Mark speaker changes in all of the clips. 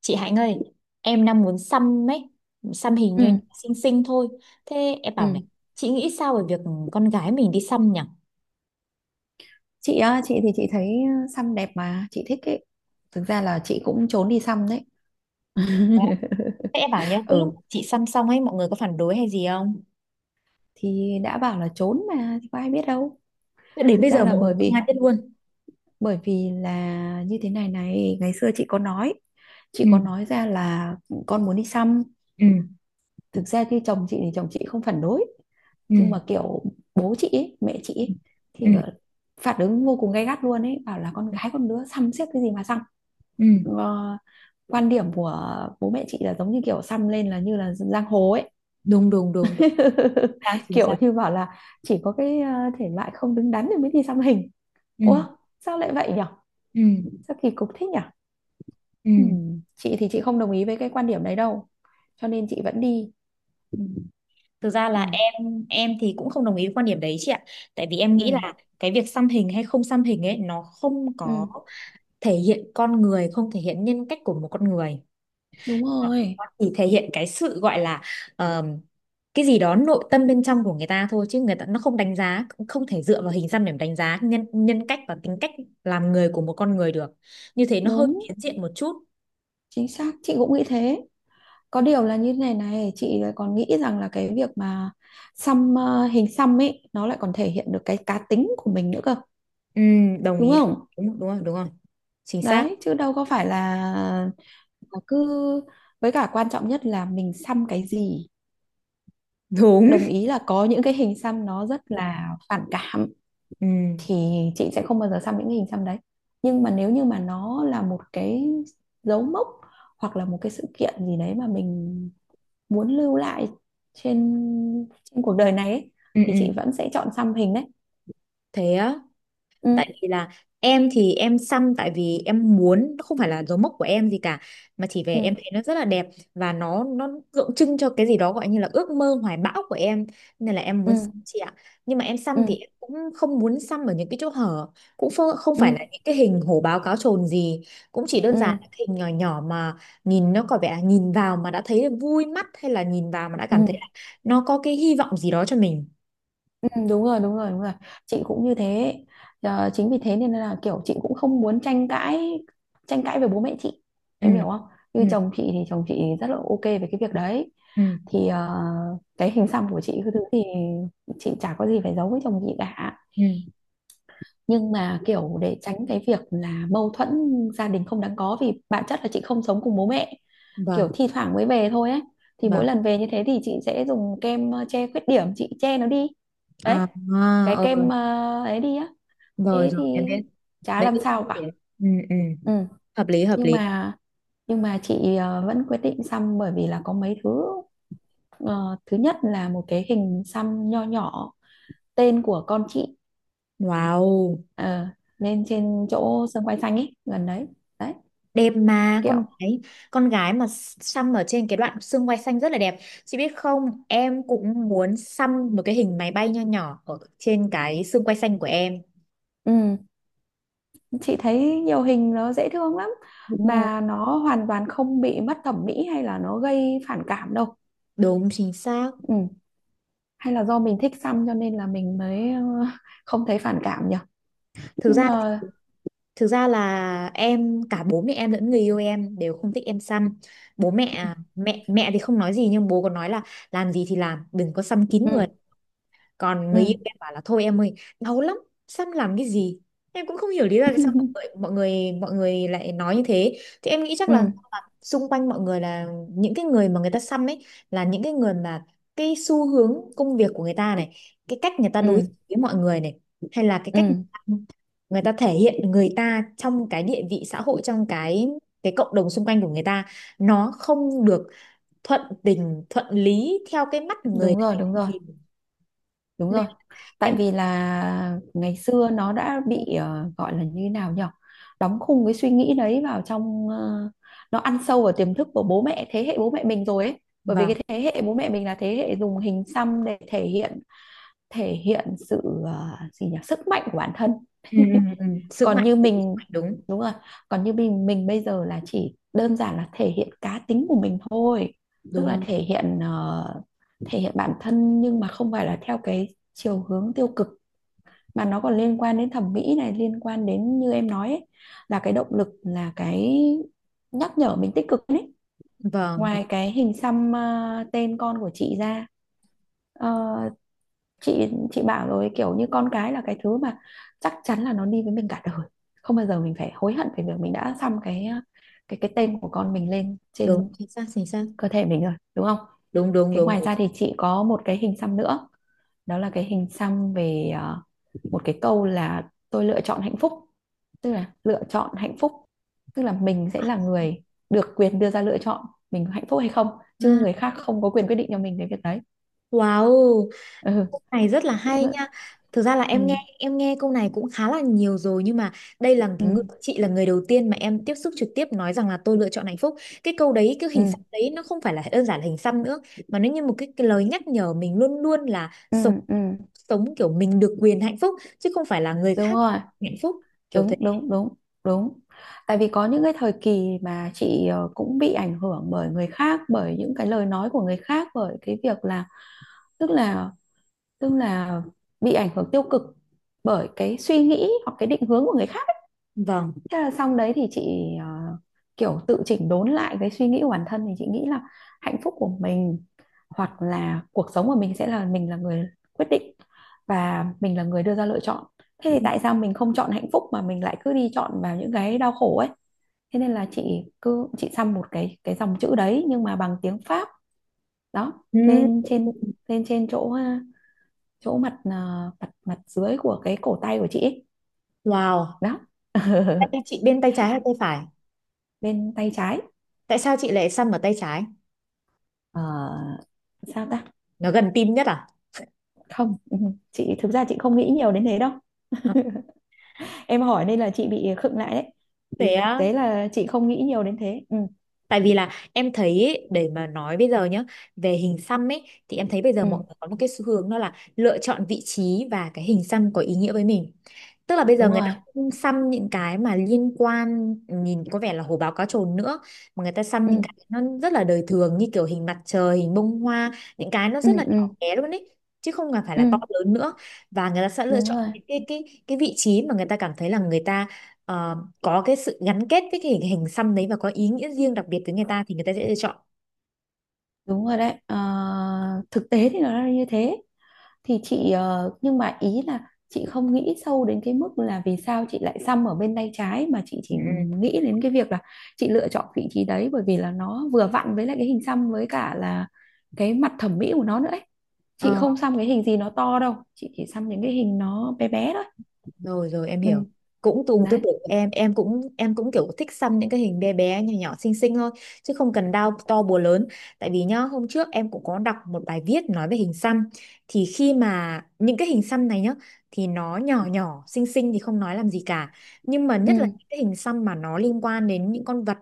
Speaker 1: Chị Hạnh ơi, em đang muốn xăm ấy, xăm hình như
Speaker 2: Ừ,
Speaker 1: xinh xinh thôi. Thế em bảo này,
Speaker 2: ừ.
Speaker 1: chị nghĩ sao về việc con gái mình đi xăm nhỉ?
Speaker 2: Chị á, chị thì chị thấy xăm đẹp mà chị thích ấy. Thực ra là chị cũng trốn đi xăm đấy.
Speaker 1: Thế em bảo nhé, cái
Speaker 2: Ừ,
Speaker 1: lúc chị xăm xong ấy, mọi người có phản đối hay gì không?
Speaker 2: thì đã bảo là trốn mà thì có ai biết đâu.
Speaker 1: Thế đến
Speaker 2: Thực
Speaker 1: bây
Speaker 2: ra
Speaker 1: giờ
Speaker 2: là
Speaker 1: mọi
Speaker 2: bởi
Speaker 1: người không ai
Speaker 2: vì
Speaker 1: biết luôn.
Speaker 2: bởi vì là như thế này này, ngày xưa chị
Speaker 1: Ừ
Speaker 2: có nói ra là con muốn đi xăm.
Speaker 1: ừ
Speaker 2: Thực ra thì chồng chị không phản đối,
Speaker 1: ừ
Speaker 2: nhưng mà kiểu bố chị ấy, mẹ chị ấy,
Speaker 1: ừ
Speaker 2: thì phản ứng vô cùng gay gắt luôn ấy, bảo là con gái con đứa xăm xiếc cái gì mà xăm.
Speaker 1: ừ.
Speaker 2: Ờ, Quan điểm của bố mẹ chị là giống như kiểu xăm lên là như là giang hồ ấy.
Speaker 1: Đúng đúng đúng đúng. Sao chính
Speaker 2: Kiểu
Speaker 1: xác.
Speaker 2: như bảo là chỉ có cái thể loại không đứng đắn thì mới đi xăm hình.
Speaker 1: Ừ
Speaker 2: Ủa, sao lại vậy nhở?
Speaker 1: ừ
Speaker 2: Sao kỳ cục thế nhở?
Speaker 1: ừ.
Speaker 2: Chị thì chị không đồng ý với cái quan điểm đấy đâu, cho nên chị vẫn đi.
Speaker 1: Ừ. Thực ra
Speaker 2: Ừ,
Speaker 1: là em thì cũng không đồng ý với quan điểm đấy chị ạ. Tại vì em
Speaker 2: ừ,
Speaker 1: nghĩ là cái việc xăm hình hay không xăm hình ấy nó không có
Speaker 2: ừ.
Speaker 1: thể hiện con người, không thể hiện nhân cách của một con người.
Speaker 2: Đúng rồi.
Speaker 1: Nó chỉ thể hiện cái sự gọi là ờm, cái gì đó nội tâm bên trong của người ta thôi, chứ người ta nó không đánh giá, cũng không thể dựa vào hình xăm để mà đánh giá nhân nhân cách và tính cách làm người của một con người được. Như thế nó hơi
Speaker 2: Đúng,
Speaker 1: phiến diện một chút.
Speaker 2: chính xác, chị cũng nghĩ thế. Có điều là như này này, chị lại còn nghĩ rằng là cái việc mà xăm hình xăm ấy nó lại còn thể hiện được cái cá tính của mình nữa cơ.
Speaker 1: Đồng
Speaker 2: Đúng
Speaker 1: ý. Đúng
Speaker 2: không?
Speaker 1: đúng rồi đúng rồi. Chính xác.
Speaker 2: Đấy, chứ đâu có phải là cứ, với cả quan trọng nhất là mình xăm cái gì.
Speaker 1: Đúng.
Speaker 2: Đồng ý là có những cái hình xăm nó rất là phản cảm,
Speaker 1: Ừm,
Speaker 2: thì chị sẽ không bao giờ xăm những cái hình xăm đấy. Nhưng mà nếu như mà nó là một cái dấu mốc hoặc là một cái sự kiện gì đấy mà mình muốn lưu lại trên trên cuộc đời này ấy,
Speaker 1: ừ,
Speaker 2: thì
Speaker 1: ừ.
Speaker 2: chị vẫn sẽ chọn xăm hình đấy.
Speaker 1: Thế á.
Speaker 2: Ừ,
Speaker 1: Tại vì là em thì em xăm tại vì em muốn, nó không phải là dấu mốc của em gì cả, mà chỉ về
Speaker 2: ừ,
Speaker 1: em thấy nó rất là đẹp, và nó tượng trưng cho cái gì đó gọi như là ước mơ hoài bão của em, nên là em muốn xăm
Speaker 2: ừ,
Speaker 1: chị ạ. Nhưng mà em
Speaker 2: ừ,
Speaker 1: xăm thì em cũng không muốn xăm ở những cái chỗ hở, cũng không
Speaker 2: ừ,
Speaker 1: phải là những cái hình hổ báo cáo chồn gì, cũng chỉ đơn
Speaker 2: ừ, ừ,
Speaker 1: giản là cái hình nhỏ nhỏ mà nhìn nó có vẻ là nhìn vào mà đã thấy vui mắt, hay là nhìn vào mà đã
Speaker 2: ừ.
Speaker 1: cảm thấy là nó có cái hy vọng gì đó cho mình.
Speaker 2: Ừ, đúng rồi, đúng rồi, đúng rồi, chị cũng như thế. Chính vì thế nên là kiểu chị cũng không muốn tranh cãi với bố mẹ chị,
Speaker 1: Ừ
Speaker 2: em hiểu không?
Speaker 1: ừ
Speaker 2: Như chồng chị thì chồng chị rất là OK về cái việc đấy.
Speaker 1: ừ
Speaker 2: Thì cái hình xăm của chị, cái thứ thì chị chả có gì phải giấu với chồng chị cả.
Speaker 1: ừ.
Speaker 2: Nhưng mà kiểu để tránh cái việc là mâu thuẫn gia đình không đáng có, vì bản chất là chị không sống cùng bố mẹ,
Speaker 1: Vâng
Speaker 2: kiểu thi thoảng mới về thôi ấy, thì mỗi
Speaker 1: vâng.
Speaker 2: lần về như thế thì chị sẽ dùng kem che khuyết điểm, chị che nó đi. Đấy,
Speaker 1: À, à,
Speaker 2: cái
Speaker 1: ờ.
Speaker 2: kem ấy đi á.
Speaker 1: Rồi
Speaker 2: Thế
Speaker 1: rồi
Speaker 2: thì
Speaker 1: em biết
Speaker 2: chả
Speaker 1: mấy
Speaker 2: làm
Speaker 1: cái suy
Speaker 2: sao
Speaker 1: nghĩ
Speaker 2: cả.
Speaker 1: đấy. Ừ, ừ.
Speaker 2: Ừ.
Speaker 1: Hợp lý hợp
Speaker 2: nhưng
Speaker 1: lý.
Speaker 2: mà nhưng mà chị vẫn quyết định xăm, bởi vì là có mấy thứ. Ờ, Thứ nhất là một cái hình xăm nho nhỏ, tên của con chị,
Speaker 1: Wow.
Speaker 2: ờ, lên trên chỗ sân quay xanh ấy, gần đấy. Đấy,
Speaker 1: Đẹp mà,
Speaker 2: kiểu.
Speaker 1: con gái. Con gái mà xăm ở trên cái đoạn xương quai xanh rất là đẹp. Chị biết không, em cũng muốn xăm một cái hình máy bay nho nhỏ ở trên cái xương quai xanh của em.
Speaker 2: Ừ, chị thấy nhiều hình nó dễ thương lắm,
Speaker 1: Đúng rồi.
Speaker 2: mà nó hoàn toàn không bị mất thẩm mỹ hay là nó gây phản cảm đâu.
Speaker 1: Đúng chính xác.
Speaker 2: Ừ. Hay là do mình thích xăm cho nên là mình mới không thấy phản cảm nhỉ.
Speaker 1: Thực
Speaker 2: Nhưng
Speaker 1: ra,
Speaker 2: mà.
Speaker 1: thực ra là em cả bố mẹ em lẫn người yêu em đều không thích em xăm. Bố mẹ
Speaker 2: Ừ,
Speaker 1: à, mẹ mẹ thì không nói gì, nhưng bố còn nói là làm gì thì làm, đừng có xăm kín người.
Speaker 2: ừ,
Speaker 1: Còn
Speaker 2: ừ.
Speaker 1: người yêu em bảo là thôi em ơi, đau lắm, xăm làm cái gì. Em cũng không hiểu lý do tại sao mọi người mọi người mọi người lại nói như thế, thì em nghĩ chắc
Speaker 2: Ừ,
Speaker 1: là xung quanh mọi người là những cái người mà người ta xăm ấy, là những cái người mà cái xu hướng công việc của người ta này, cái cách người ta đối
Speaker 2: ừ,
Speaker 1: xử với mọi người này, hay là cái cách
Speaker 2: ừ.
Speaker 1: người ta thể hiện người ta trong cái địa vị xã hội, trong cái cộng đồng xung quanh của người ta nó không được thuận tình thuận lý theo cái mắt người
Speaker 2: Đúng rồi,
Speaker 1: người
Speaker 2: đúng
Speaker 1: ta
Speaker 2: rồi,
Speaker 1: nhìn.
Speaker 2: đúng
Speaker 1: Nên
Speaker 2: rồi. Tại
Speaker 1: em.
Speaker 2: vì là ngày xưa nó đã bị gọi là như thế nào nhỉ, đóng khung cái suy nghĩ đấy vào trong, nó ăn sâu vào tiềm thức của bố mẹ, thế hệ bố mẹ mình rồi ấy. Bởi vì
Speaker 1: Vâng.
Speaker 2: cái thế hệ bố mẹ mình là thế hệ dùng hình xăm để thể hiện sự gì nhỉ, sức mạnh của bản thân.
Speaker 1: Ừ, ừ, ừ. Sữa
Speaker 2: Còn
Speaker 1: mạnh
Speaker 2: như
Speaker 1: thì sữa
Speaker 2: mình.
Speaker 1: mạnh, đúng.
Speaker 2: Đúng rồi. Còn như mình bây giờ là chỉ đơn giản là thể hiện cá tính của mình thôi. Tức
Speaker 1: Đúng
Speaker 2: là
Speaker 1: không.
Speaker 2: thể hiện bản thân, nhưng mà không phải là theo cái chiều hướng tiêu cực, mà nó còn liên quan đến thẩm mỹ này, liên quan đến như em nói ấy, là cái động lực, là cái nhắc nhở mình tích cực ấy.
Speaker 1: Vâng.
Speaker 2: Ngoài cái hình xăm tên con của chị ra, Ờ, chị bảo rồi, kiểu như con cái là cái thứ mà chắc chắn là nó đi với mình cả đời, không bao giờ mình phải hối hận về việc mình đã xăm cái tên của con mình lên
Speaker 1: Đúng
Speaker 2: trên
Speaker 1: chính xác chính xác.
Speaker 2: cơ thể mình rồi, đúng không?
Speaker 1: Đúng đúng
Speaker 2: Thế
Speaker 1: đúng,
Speaker 2: ngoài
Speaker 1: đúng.
Speaker 2: ra thì chị có một cái hình xăm nữa, đó là cái hình xăm về một cái câu là "tôi lựa chọn hạnh phúc". Tức là lựa chọn hạnh phúc, tức là mình sẽ là người được quyền đưa ra lựa chọn mình có hạnh phúc hay không, chứ
Speaker 1: À,
Speaker 2: người khác không có quyền quyết định cho mình cái việc đấy.
Speaker 1: wow,
Speaker 2: Ừ.
Speaker 1: câu này rất là
Speaker 2: chị
Speaker 1: hay
Speaker 2: cũng-
Speaker 1: nha. Thực ra là
Speaker 2: ừ.
Speaker 1: em nghe câu này cũng khá là nhiều rồi, nhưng mà đây là cái người,
Speaker 2: Ừ.
Speaker 1: chị là người đầu tiên mà em tiếp xúc trực tiếp nói rằng là tôi lựa chọn hạnh phúc. Cái câu đấy, cái
Speaker 2: Ừ.
Speaker 1: hình xăm đấy nó không phải là đơn giản là hình xăm nữa, mà nó như một cái lời nhắc nhở mình luôn luôn là
Speaker 2: Ừ,
Speaker 1: sống,
Speaker 2: ừ,
Speaker 1: sống kiểu mình được quyền hạnh phúc chứ không phải là người
Speaker 2: đúng
Speaker 1: khác
Speaker 2: rồi,
Speaker 1: hạnh phúc, kiểu
Speaker 2: đúng,
Speaker 1: thế.
Speaker 2: đúng, đúng, đúng. Tại vì có những cái thời kỳ mà chị cũng bị ảnh hưởng bởi người khác, bởi những cái lời nói của người khác, bởi cái việc là, tức là tức là bị ảnh hưởng tiêu cực bởi cái suy nghĩ hoặc cái định hướng của người khác.
Speaker 1: Vâng.
Speaker 2: Thế là xong đấy, thì chị ờ, kiểu tự chỉnh đốn lại cái suy nghĩ của bản thân, thì chị nghĩ là hạnh phúc của mình hoặc là cuộc sống của mình sẽ là mình là người quyết định và mình là người đưa ra lựa chọn. Thế thì tại sao mình không chọn hạnh phúc mà mình lại cứ đi chọn vào những cái đau khổ ấy? Thế nên là chị cứ chị xăm một cái dòng chữ đấy nhưng mà bằng tiếng Pháp đó
Speaker 1: Ừ.
Speaker 2: lên trên chỗ ờ, chỗ mặt ờ, mặt mặt dưới của cái cổ tay của chị ấy.
Speaker 1: Wow.
Speaker 2: Đó.
Speaker 1: Thế chị bên tay trái hay tay phải?
Speaker 2: Bên tay trái.
Speaker 1: Tại sao chị lại xăm ở tay trái?
Speaker 2: Ờ, Sao ta.
Speaker 1: Nó gần tim nhất à?
Speaker 2: Không. Ừ, chị thực ra chị không nghĩ nhiều đến thế đâu.
Speaker 1: À,
Speaker 2: Em hỏi nên là chị bị khựng lại đấy,
Speaker 1: thế
Speaker 2: vì thực
Speaker 1: á.
Speaker 2: tế là chị không nghĩ nhiều đến thế. Ừ,
Speaker 1: Tại vì là em thấy ấy, để mà nói bây giờ nhá, về hình xăm ấy, thì em thấy bây giờ
Speaker 2: ừ,
Speaker 1: mọi người có một cái xu hướng, đó là lựa chọn vị trí và cái hình xăm có ý nghĩa với mình. Tức là bây giờ
Speaker 2: đúng
Speaker 1: người ta
Speaker 2: rồi.
Speaker 1: không xăm những cái mà liên quan nhìn có vẻ là hổ báo cá trồn nữa, mà người ta xăm
Speaker 2: Ừ,
Speaker 1: những cái nó rất là đời thường như kiểu hình mặt trời, hình bông hoa, những cái nó
Speaker 2: ừ,
Speaker 1: rất là
Speaker 2: ừ,
Speaker 1: nhỏ bé luôn ấy, chứ không cần phải
Speaker 2: ừ,
Speaker 1: là to lớn nữa, và người ta sẽ lựa
Speaker 2: đúng
Speaker 1: chọn
Speaker 2: rồi,
Speaker 1: cái vị trí mà người ta cảm thấy là người ta ờ, có cái sự gắn kết với cái hình xăm đấy và có ý nghĩa riêng đặc biệt với người ta thì người ta sẽ lựa chọn.
Speaker 2: đúng rồi. Đấy. Ờ, Thực tế thì nó là như thế, thì chị nhưng mà ý là chị không nghĩ sâu đến cái mức là vì sao chị lại xăm ở bên tay trái, mà chị
Speaker 1: Ừ.
Speaker 2: chỉ
Speaker 1: Ừ.
Speaker 2: nghĩ đến cái việc là chị lựa chọn vị trí đấy, bởi vì là nó vừa vặn với lại cái hình xăm, với cả là cái mặt thẩm mỹ của nó nữa ấy. Chị
Speaker 1: Ờ,
Speaker 2: không xăm cái hình gì nó to đâu, chị chỉ xăm những cái hình nó bé bé thôi.
Speaker 1: rồi rồi em
Speaker 2: Ừ.
Speaker 1: hiểu. Cũng cùng tư
Speaker 2: Đấy.
Speaker 1: tưởng của em, em cũng kiểu thích xăm những cái hình bé bé nhỏ nhỏ xinh xinh thôi, chứ không cần đau to búa lớn. Tại vì nhá, hôm trước em cũng có đọc một bài viết nói về hình xăm, thì khi mà những cái hình xăm này nhá, thì nó nhỏ nhỏ xinh xinh thì không nói làm gì cả, nhưng mà
Speaker 2: Ừ,
Speaker 1: nhất là những cái hình xăm mà nó liên quan đến những con vật,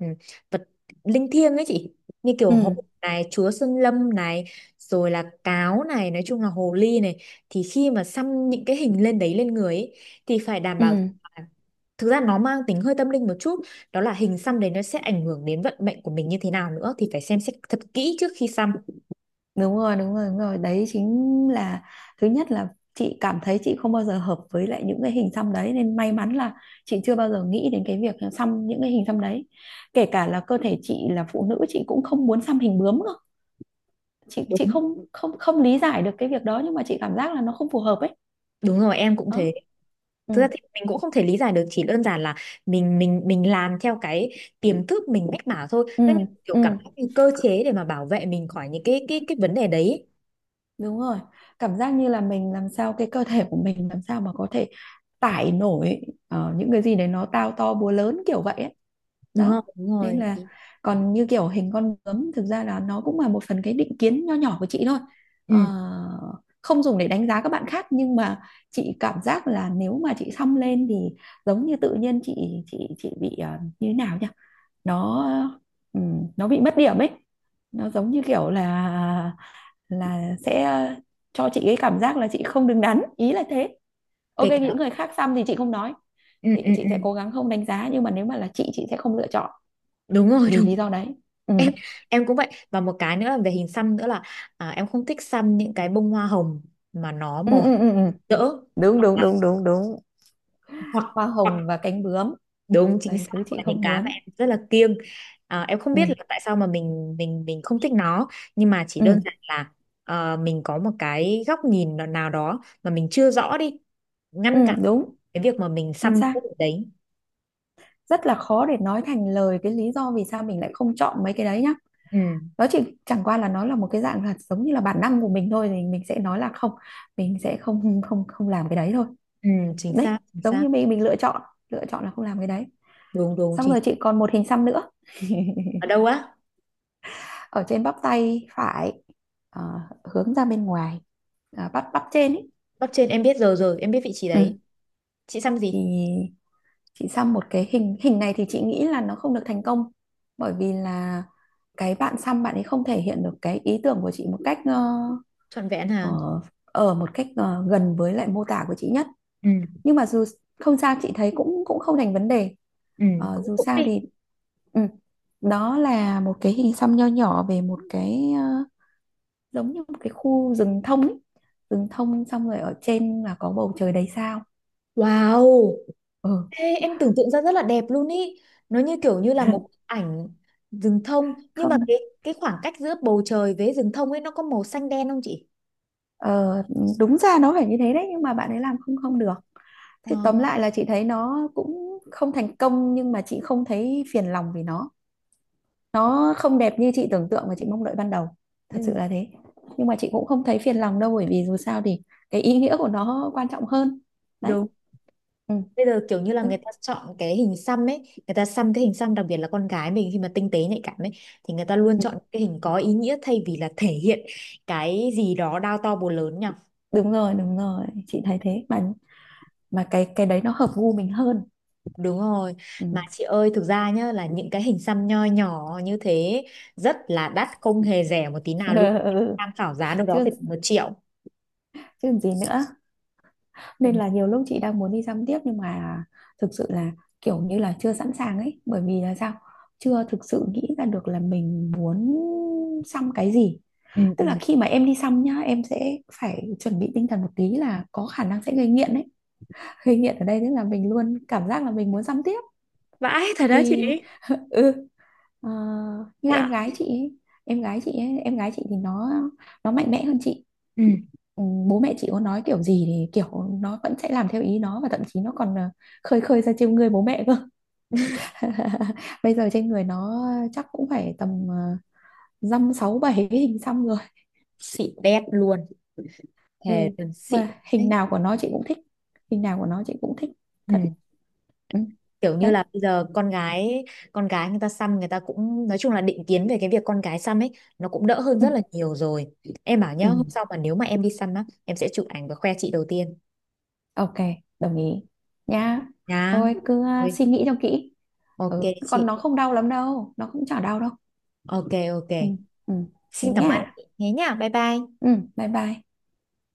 Speaker 1: vật linh thiêng ấy chị, như kiểu
Speaker 2: ừ,
Speaker 1: hổ này, chúa sơn lâm này, rồi là cáo này, nói chung là hồ ly này, thì khi mà xăm những cái hình lên đấy, lên người ấy, thì phải đảm
Speaker 2: ừ.
Speaker 1: bảo, thực ra nó mang tính hơi tâm linh một chút, đó là hình xăm đấy nó sẽ ảnh hưởng đến vận mệnh của mình như thế nào nữa, thì phải xem xét thật kỹ trước khi xăm.
Speaker 2: Đúng rồi, đúng rồi, đúng rồi. Đấy chính là, thứ nhất là chị cảm thấy chị không bao giờ hợp với lại những cái hình xăm đấy, nên may mắn là chị chưa bao giờ nghĩ đến cái việc xăm những cái hình xăm đấy. Kể cả là cơ thể chị là phụ nữ, chị cũng không muốn xăm hình bướm cơ. Chị
Speaker 1: Đúng.
Speaker 2: không không không lý giải được cái việc đó, nhưng mà chị cảm giác là nó không phù hợp ấy.
Speaker 1: Đúng rồi, em cũng thế.
Speaker 2: Đó. Ừ.
Speaker 1: Thực ra thì mình cũng không thể lý giải được, chỉ đơn giản là mình làm theo cái tiềm thức mình mách bảo thôi,
Speaker 2: Ừ,
Speaker 1: nó như kiểu cảm
Speaker 2: ừ,
Speaker 1: giác như cơ chế để mà bảo vệ mình khỏi những cái vấn đề đấy.
Speaker 2: đúng rồi. Cảm giác như là mình làm sao, cái cơ thể của mình làm sao mà có thể tải nổi những cái gì đấy nó tao to búa lớn kiểu vậy ấy.
Speaker 1: Đúng không,
Speaker 2: Đó.
Speaker 1: đúng
Speaker 2: Nên
Speaker 1: rồi.
Speaker 2: là còn như kiểu hình con bướm, thực ra là nó cũng là một phần cái định kiến nho nhỏ của chị thôi.
Speaker 1: Ừ.
Speaker 2: Ờ, Không dùng để đánh giá các bạn khác, nhưng mà chị cảm giác là nếu mà chị xăm lên thì giống như tự nhiên chị bị như thế nào nhỉ? Nó ừ, nó bị mất điểm ấy. Nó giống như kiểu là sẽ cho chị cái cảm giác là chị không đứng đắn, ý là thế. OK,
Speaker 1: Kể
Speaker 2: những
Speaker 1: cả.
Speaker 2: người khác xăm thì chị không nói,
Speaker 1: Ừ
Speaker 2: chị
Speaker 1: ừ
Speaker 2: chị
Speaker 1: ừ.
Speaker 2: sẽ cố gắng không đánh giá, nhưng mà nếu mà là chị sẽ không lựa chọn
Speaker 1: Đúng rồi,
Speaker 2: vì
Speaker 1: đúng.
Speaker 2: lý do đấy. Ừ,
Speaker 1: em em cũng vậy, và một cái nữa là về hình xăm nữa là, à, em không thích xăm những cái bông hoa hồng mà nó
Speaker 2: ừ,
Speaker 1: màu hồng
Speaker 2: ừ, ừ, ừ.
Speaker 1: rỡ,
Speaker 2: Đúng,
Speaker 1: hoặc
Speaker 2: đúng,
Speaker 1: là,
Speaker 2: đúng, đúng, đúng.
Speaker 1: hoặc,
Speaker 2: Hoa
Speaker 1: hoặc
Speaker 2: hồng và cánh bướm
Speaker 1: đúng
Speaker 2: là
Speaker 1: chính
Speaker 2: thứ
Speaker 1: xác
Speaker 2: chị
Speaker 1: là những
Speaker 2: không
Speaker 1: cái mà
Speaker 2: muốn.
Speaker 1: em rất là kiêng. À, em không
Speaker 2: Ừ,
Speaker 1: biết là tại sao mà mình không thích nó, nhưng mà chỉ
Speaker 2: ừ,
Speaker 1: đơn giản là ờ, mình có một cái góc nhìn nào nào đó mà mình chưa rõ đi
Speaker 2: ừ,
Speaker 1: ngăn cản
Speaker 2: đúng,
Speaker 1: cái việc mà mình
Speaker 2: chính
Speaker 1: xăm
Speaker 2: xác.
Speaker 1: cái điều đấy.
Speaker 2: Rất là khó để nói thành lời cái lý do vì sao mình lại không chọn mấy cái đấy nhá.
Speaker 1: Ừ,
Speaker 2: Nó chỉ chẳng qua là nó là một cái dạng là giống như là bản năng của mình thôi, thì mình sẽ nói là không, mình sẽ không không không làm cái đấy thôi.
Speaker 1: ừ. Chính
Speaker 2: Đấy,
Speaker 1: xác chính
Speaker 2: giống
Speaker 1: xác.
Speaker 2: như mình lựa chọn là không làm cái đấy.
Speaker 1: Đúng đúng
Speaker 2: Xong
Speaker 1: chính
Speaker 2: rồi
Speaker 1: xác.
Speaker 2: chị còn một hình xăm nữa,
Speaker 1: Ở đâu á?
Speaker 2: ở trên bắp tay phải, hướng ra bên ngoài. À, bắp bắp trên ấy.
Speaker 1: Bắp trên em biết, rồi rồi em biết vị trí
Speaker 2: Ừ.
Speaker 1: đấy. Chị xăm gì?
Speaker 2: Thì chị xăm một cái hình hình này thì chị nghĩ là nó không được thành công, bởi vì là cái bạn xăm, bạn ấy không thể hiện được cái ý tưởng của chị một
Speaker 1: Trọn vẹn hả?
Speaker 2: ở một cách gần với lại mô tả của chị nhất,
Speaker 1: Ừ
Speaker 2: nhưng mà dù không sao, chị thấy cũng cũng không thành vấn đề.
Speaker 1: ừ. Cũng
Speaker 2: Dù
Speaker 1: cũng
Speaker 2: sao
Speaker 1: đi.
Speaker 2: thì, ừ, đó là một cái hình xăm nho nhỏ về một cái, giống như một cái khu rừng thông ấy. Rừng thông xong rồi ở trên là có bầu trời đầy sao.
Speaker 1: Wow.
Speaker 2: Ừ.
Speaker 1: Ê, em tưởng tượng ra rất là đẹp luôn ý. Nó như kiểu như là một bức ảnh rừng thông, nhưng mà
Speaker 2: Không,
Speaker 1: cái khoảng cách giữa bầu trời với rừng thông ấy nó có màu xanh đen không chị?
Speaker 2: ờ, đúng ra nó phải như thế đấy, nhưng mà bạn ấy làm không không được.
Speaker 1: Ờ.
Speaker 2: Thế tóm lại là chị thấy nó cũng không thành công, nhưng mà chị không thấy phiền lòng vì nó không đẹp như chị tưởng tượng và chị mong đợi ban đầu. Thật sự
Speaker 1: Ừ.
Speaker 2: là thế, nhưng mà chị cũng không thấy phiền lòng đâu, bởi vì dù sao thì cái ý nghĩa của nó quan trọng hơn. Đấy.
Speaker 1: Đúng.
Speaker 2: Ừ.
Speaker 1: Bây giờ kiểu như là
Speaker 2: tức,
Speaker 1: người ta chọn cái hình xăm ấy, người ta xăm cái hình xăm, đặc biệt là con gái mình khi mà tinh tế nhạy cảm ấy, thì người ta luôn
Speaker 2: ừ,
Speaker 1: chọn cái hình có ý nghĩa thay vì là thể hiện cái gì đó đao to búa lớn nhỉ?
Speaker 2: đúng rồi, đúng rồi, chị thấy thế mà cái đấy nó hợp gu mình hơn.
Speaker 1: Đúng rồi,
Speaker 2: Ừ.
Speaker 1: mà chị ơi thực ra nhá, là những cái hình xăm nho nhỏ như thế rất là đắt, không hề rẻ một tí nào luôn,
Speaker 2: Ừ.
Speaker 1: tham khảo giá đâu đó
Speaker 2: chứ
Speaker 1: phải tầm 1 triệu.
Speaker 2: chứ gì nữa.
Speaker 1: Ừ.
Speaker 2: Nên là nhiều lúc chị đang muốn đi dăm tiếp, nhưng mà thực sự là kiểu như là chưa sẵn sàng ấy, bởi vì là sao, chưa thực sự nghĩ ra được là mình muốn xăm cái gì.
Speaker 1: Ừ
Speaker 2: Tức
Speaker 1: ừ.
Speaker 2: là khi mà em đi xăm nhá, em sẽ phải chuẩn bị tinh thần một tí là có khả năng sẽ gây nghiện ấy. Gây nghiện ở đây tức là mình luôn cảm giác là mình muốn xăm tiếp
Speaker 1: Vãi thật đó chị.
Speaker 2: vì. Ừ. ờ, Như
Speaker 1: Dạ.
Speaker 2: em gái chị ấy, em gái chị thì nó mạnh mẽ hơn chị.
Speaker 1: Ừ.
Speaker 2: Ừ, bố mẹ chị có nói kiểu gì thì kiểu nó vẫn sẽ làm theo ý nó, và thậm chí nó còn khơi khơi ra trêu ngươi bố mẹ cơ. Bây giờ trên người nó chắc cũng phải tầm dăm sáu bảy cái hình xăm rồi.
Speaker 1: Xịn đét luôn. Thề
Speaker 2: Ừ.
Speaker 1: từng xịn.
Speaker 2: Và hình
Speaker 1: Đấy.
Speaker 2: nào của nó chị cũng thích, hình nào của nó chị cũng thích thật.
Speaker 1: Ừ.
Speaker 2: Ừ.
Speaker 1: Kiểu như
Speaker 2: Đấy.
Speaker 1: là bây giờ con gái, con gái người ta xăm, người ta cũng, nói chung là định kiến về cái việc con gái xăm ấy nó cũng đỡ hơn
Speaker 2: Ừ.
Speaker 1: rất là nhiều rồi. Em bảo nhá,
Speaker 2: Ừ.
Speaker 1: hôm sau mà nếu mà em đi xăm á, em sẽ chụp ảnh và khoe chị đầu tiên
Speaker 2: OK, đồng ý nha.
Speaker 1: nhá.
Speaker 2: Thôi cứ
Speaker 1: Ôi,
Speaker 2: suy nghĩ cho kỹ.
Speaker 1: ok
Speaker 2: Ừ.
Speaker 1: chị.
Speaker 2: Còn nó không đau lắm đâu, nó cũng chả đau đâu.
Speaker 1: Ok ok.
Speaker 2: Ừ. Ừ. Thế
Speaker 1: Xin cảm ơn.
Speaker 2: nha.
Speaker 1: Thế nhá. Bye bye.
Speaker 2: Ừ. Bye bye.